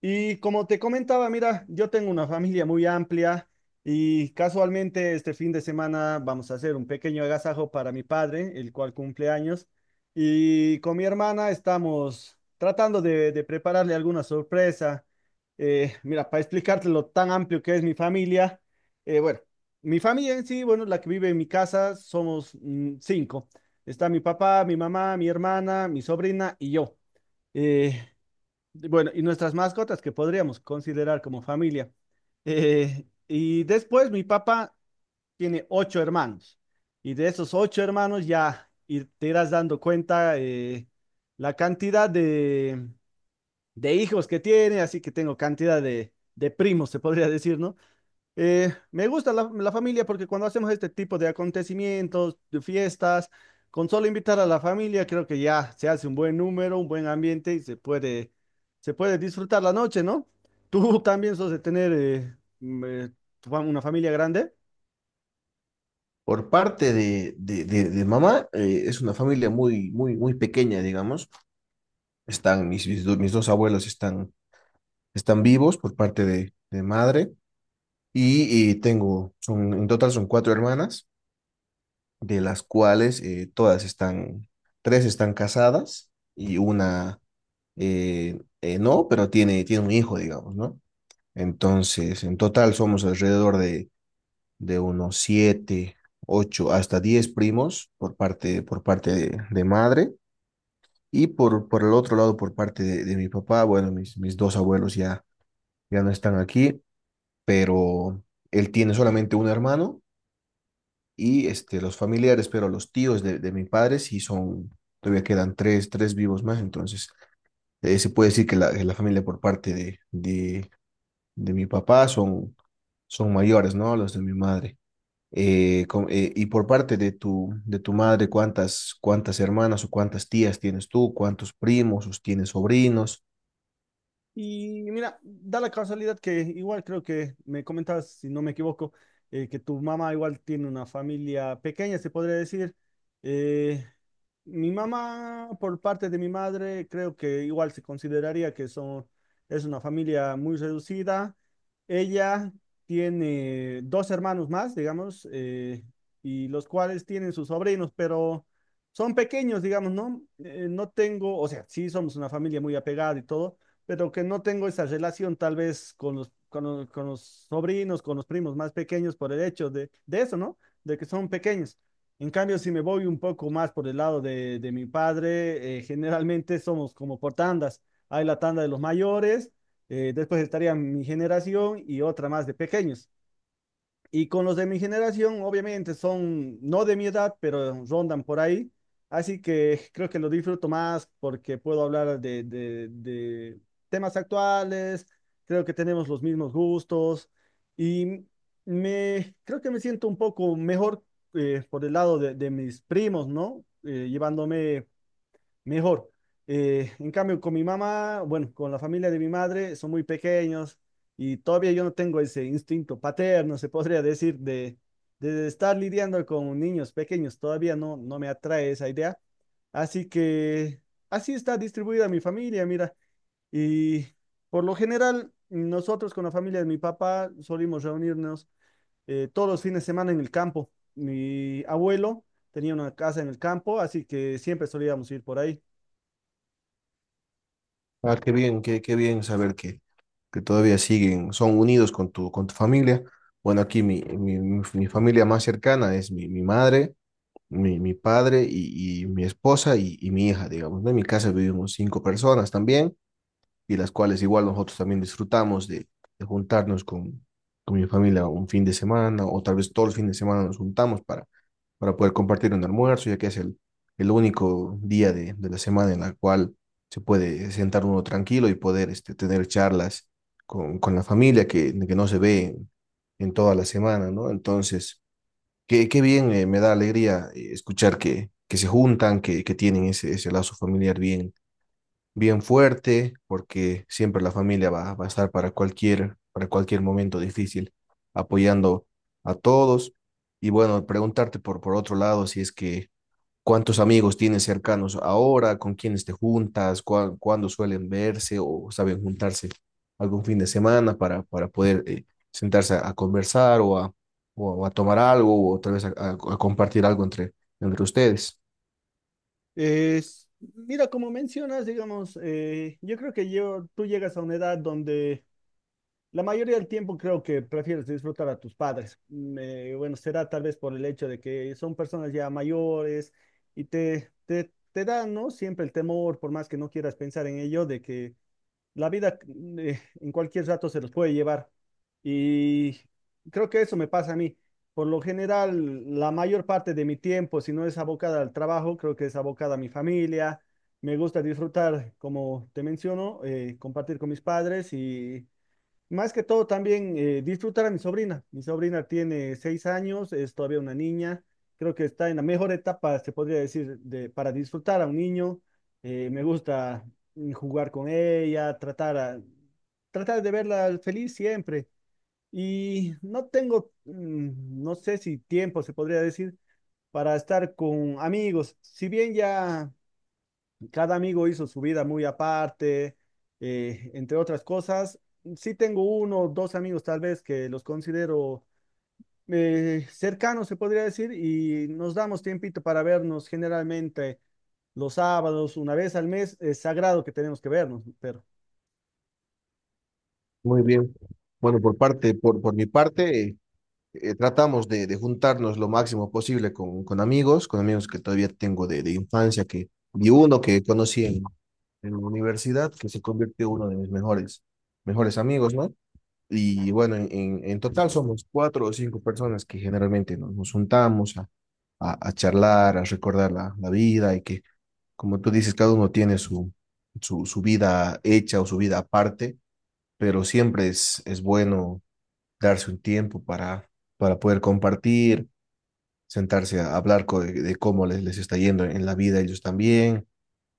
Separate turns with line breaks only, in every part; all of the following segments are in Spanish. Y como te comentaba, mira, yo tengo una familia muy amplia y casualmente este fin de semana vamos a hacer un pequeño agasajo para mi padre, el cual cumple años, y con mi hermana estamos tratando de prepararle alguna sorpresa. Mira, para explicarte lo tan amplio que es mi familia, eh, bueno, mi familia en sí, bueno, la que vive en mi casa, somos cinco. Está mi papá, mi mamá, mi hermana, mi sobrina y yo. Eh, bueno, y nuestras mascotas que podríamos considerar como familia. Y después mi papá tiene ocho hermanos. Y de esos ocho hermanos te irás dando cuenta la cantidad de hijos que tiene, así que tengo cantidad de primos, se podría decir, ¿no? Me gusta la familia porque cuando hacemos este tipo de acontecimientos, de fiestas, con solo invitar a la familia, creo que ya se hace un buen número, un buen ambiente y se puede disfrutar la noche, ¿no? ¿Tú también sos de tener una familia grande?
Por parte de mamá, es una familia muy, muy, muy pequeña, digamos. Están mis dos abuelos están vivos por parte de madre. En total son cuatro hermanas, de las cuales tres están casadas y una no, pero tiene un hijo, digamos, ¿no? Entonces, en total somos alrededor de unos siete, ocho, hasta 10 primos por parte de madre. Y por el otro lado, por parte de mi papá, bueno, mis dos abuelos ya no están aquí, pero él tiene solamente un hermano y este, los familiares, pero los tíos de mi padre sí son, todavía quedan tres vivos más, entonces se puede decir que la familia por parte de de mi papá son mayores, ¿no? Los de mi madre. Y por parte de tu madre, ¿cuántas hermanas o cuántas tías tienes tú? ¿Cuántos primos o tienes sobrinos?
Y mira, da la casualidad que igual creo que me comentabas, si no me equivoco, que tu mamá igual tiene una familia pequeña, se podría decir. Eh, Mi mamá, por parte de mi madre, creo que igual se consideraría que son, es una familia muy reducida. Ella tiene dos hermanos más, digamos, y los cuales tienen sus sobrinos, pero son pequeños, digamos, ¿no? No tengo, o sea, sí somos una familia muy apegada y todo, pero que no tengo esa relación tal vez con con los sobrinos, con los primos más pequeños por el hecho de eso, ¿no? De que son pequeños. En cambio, si me voy un poco más por el lado de mi padre, generalmente somos como por tandas. Hay la tanda de los mayores, después estaría mi generación y otra más de pequeños. Y con los de mi generación, obviamente, son no de mi edad, pero rondan por ahí. Así que creo que lo disfruto más porque puedo hablar de temas actuales, creo que tenemos los mismos gustos y creo que me siento un poco mejor por el lado de mis primos, ¿no? Llevándome mejor. En cambio, con mi mamá, bueno, con la familia de mi madre, son muy pequeños y todavía yo no tengo ese instinto paterno, se podría decir, de estar lidiando con niños pequeños. Todavía no, no me atrae esa idea. Así que así está distribuida mi familia, mira. Y por lo general, nosotros con la familia de mi papá solimos reunirnos todos los fines de semana en el campo. Mi abuelo tenía una casa en el campo, así que siempre solíamos ir por ahí.
Ah, qué bien, qué bien saber que todavía siguen, son unidos con tu familia. Bueno, aquí mi familia más cercana es mi madre, mi padre y mi esposa y mi hija, digamos, ¿no? En mi casa vivimos cinco personas también, y las cuales igual nosotros también disfrutamos de juntarnos con mi familia un fin de semana o tal vez todo el fin de semana nos juntamos para poder compartir un almuerzo, ya que es el único día de la semana en la cual se puede sentar uno tranquilo y poder tener charlas con la familia que no se ve en toda la semana, ¿no? Entonces, qué bien, me da alegría escuchar que se juntan, que tienen ese lazo familiar bien, bien fuerte, porque siempre la familia va a estar para cualquier momento difícil, apoyando a todos. Y bueno, preguntarte por otro lado, si es que cuántos amigos tienes cercanos ahora, con quiénes te juntas, cuándo suelen verse o saben juntarse algún fin de semana para poder sentarse a conversar o a tomar algo o otra vez a compartir algo entre ustedes.
Es, mira, como mencionas, digamos, yo creo que yo, tú llegas a una edad donde la mayoría del tiempo creo que prefieres disfrutar a tus padres. Bueno, será tal vez por el hecho de que son personas ya mayores y te dan, ¿no? Siempre el temor, por más que no quieras pensar en ello, de que la vida en cualquier rato se los puede llevar. Y creo que eso me pasa a mí. Por lo general, la mayor parte de mi tiempo, si no es abocada al trabajo, creo que es abocada a mi familia. Me gusta disfrutar, como te menciono, compartir con mis padres y más que todo también disfrutar a mi sobrina. Mi sobrina tiene 6 años, es todavía una niña. Creo que está en la mejor etapa, se podría decir, de, para disfrutar a un niño. Me gusta jugar con ella, tratar de verla feliz siempre. Y no tengo, no sé si tiempo, se podría decir, para estar con amigos. Si bien ya cada amigo hizo su vida muy aparte, entre otras cosas. Sí tengo uno o dos amigos tal vez que los considero cercanos, se podría decir, y nos damos tiempito para vernos generalmente los sábados, una vez al mes, es sagrado que tenemos que vernos, pero
Muy bien. Bueno, por mi parte, tratamos de juntarnos lo máximo posible con amigos, con amigos que todavía tengo de infancia, que y uno que conocí en la universidad, que se convirtió en uno de mis mejores amigos, ¿no? Y bueno, en total somos cuatro o cinco personas que generalmente nos juntamos a charlar, a recordar la vida y que, como tú dices, cada uno tiene su vida hecha o su vida aparte, pero siempre es bueno darse un tiempo para poder compartir, sentarse a hablar de cómo les está yendo en la vida ellos también,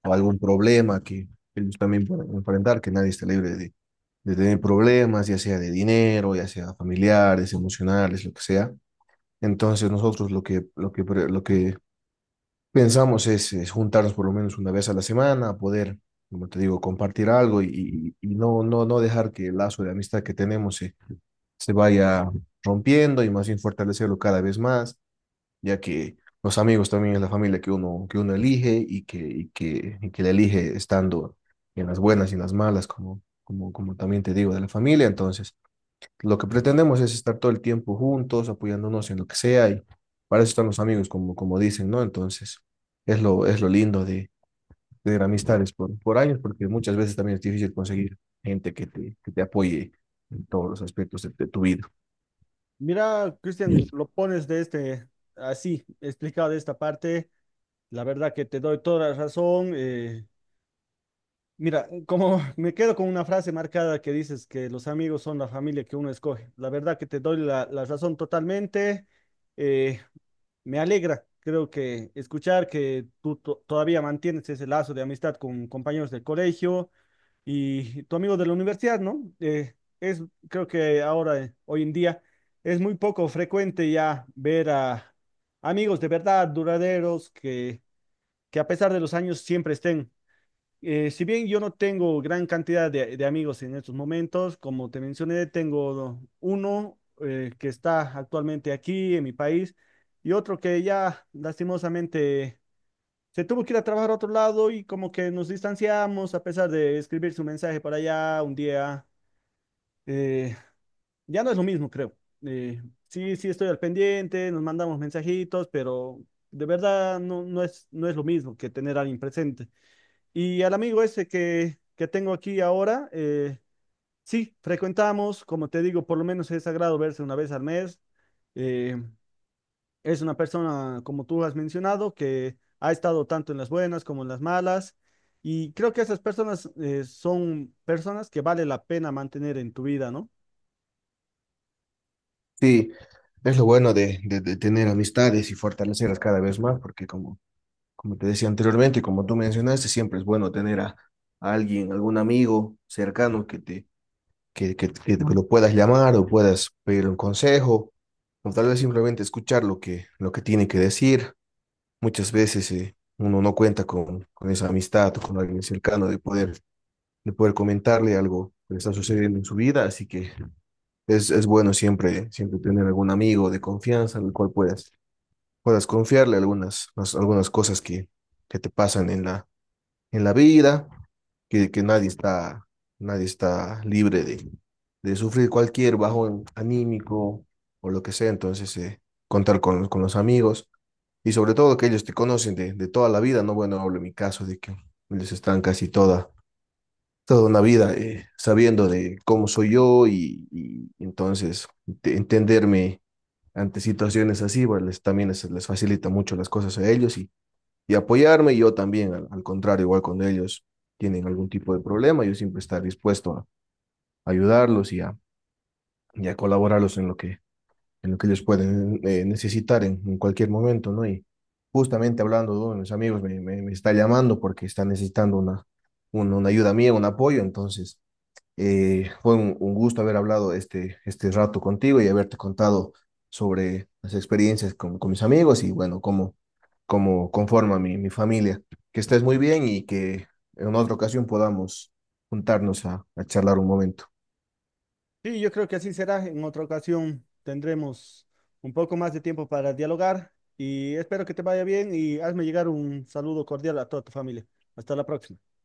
o algún problema que ellos también pueden enfrentar, que nadie esté libre de tener problemas, ya sea de dinero, ya sea familiares, emocionales, lo que sea. Entonces nosotros lo que pensamos es juntarnos por lo menos una vez a la semana, poder, como te digo, compartir algo y no dejar que el lazo de amistad que tenemos se vaya rompiendo y más bien fortalecerlo cada vez más, ya que los amigos también es la familia que uno elige y que la elige estando en las buenas y en las malas, como también te digo, de la familia. Entonces, lo que pretendemos es estar todo el tiempo juntos, apoyándonos en lo que sea, y para eso están los amigos, como dicen, ¿no? Entonces, es lo lindo de amistades por años, porque muchas veces también es difícil conseguir gente que te apoye en todos los aspectos de tu vida.
mira, Cristian, lo pones de este, así, explicado de esta parte, la verdad que te doy toda la razón. Mira, como me quedo con una frase marcada que dices que los amigos son la familia que uno escoge. La verdad que te doy la razón totalmente. Eh, Me alegra, creo que escuchar que todavía mantienes ese lazo de amistad con compañeros del colegio y tu amigo de la universidad, ¿no? Es, creo que ahora, hoy en día, es muy poco frecuente ya ver a amigos de verdad, duraderos, que a pesar de los años siempre estén. Si bien yo no tengo gran cantidad de amigos en estos momentos, como te mencioné, tengo uno que está actualmente aquí en mi país y otro que ya lastimosamente se tuvo que ir a trabajar a otro lado y como que nos distanciamos a pesar de escribir su mensaje para allá un día. eh, ya no es lo mismo, creo. Eh, sí, sí estoy al pendiente, nos mandamos mensajitos, pero de verdad no es, no es lo mismo que tener a alguien presente. Y al amigo ese que tengo aquí ahora, sí, frecuentamos, como te digo, por lo menos es sagrado verse una vez al mes. Eh, es una persona, como tú has mencionado, que ha estado tanto en las buenas como en las malas. Y creo que esas personas son personas que vale la pena mantener en tu vida, ¿no?
Sí, es lo bueno de tener amistades y fortalecerlas cada vez más, porque como te decía anteriormente y como tú mencionaste, siempre es bueno tener a alguien, algún amigo cercano que te, que te- que lo puedas llamar o puedas pedir un consejo, o tal vez simplemente escuchar lo que tiene que decir. Muchas veces uno no cuenta con esa amistad o con alguien cercano de poder comentarle algo que le está sucediendo en su vida, así que es bueno siempre, siempre tener algún amigo de confianza al cual puedas confiarle algunas cosas que te pasan en la vida, que nadie está libre de sufrir cualquier bajón anímico o lo que sea. Entonces, contar con los amigos, y sobre todo que ellos te conocen de toda la vida, ¿no? Bueno, hablo en mi caso de que ellos están casi toda una vida sabiendo de cómo soy yo, y entonces entenderme ante situaciones así, bueno, también les facilita mucho las cosas a ellos y apoyarme, y yo también, al contrario, igual cuando ellos tienen algún tipo de problema, yo siempre estar dispuesto a ayudarlos y a colaborarlos en lo que ellos pueden necesitar en cualquier momento, ¿no? Y justamente hablando de uno de mis amigos, me está llamando porque está necesitando una ayuda mía, un apoyo, entonces fue un gusto haber hablado este rato contigo y haberte contado sobre las experiencias con mis amigos, y bueno, cómo conforma mi familia. Que estés muy bien y que en otra ocasión podamos juntarnos a charlar un momento.
Sí, yo creo que así será. En otra ocasión tendremos un poco más de tiempo para dialogar y espero que te vaya bien y hazme llegar un saludo cordial a toda tu familia. Hasta la próxima.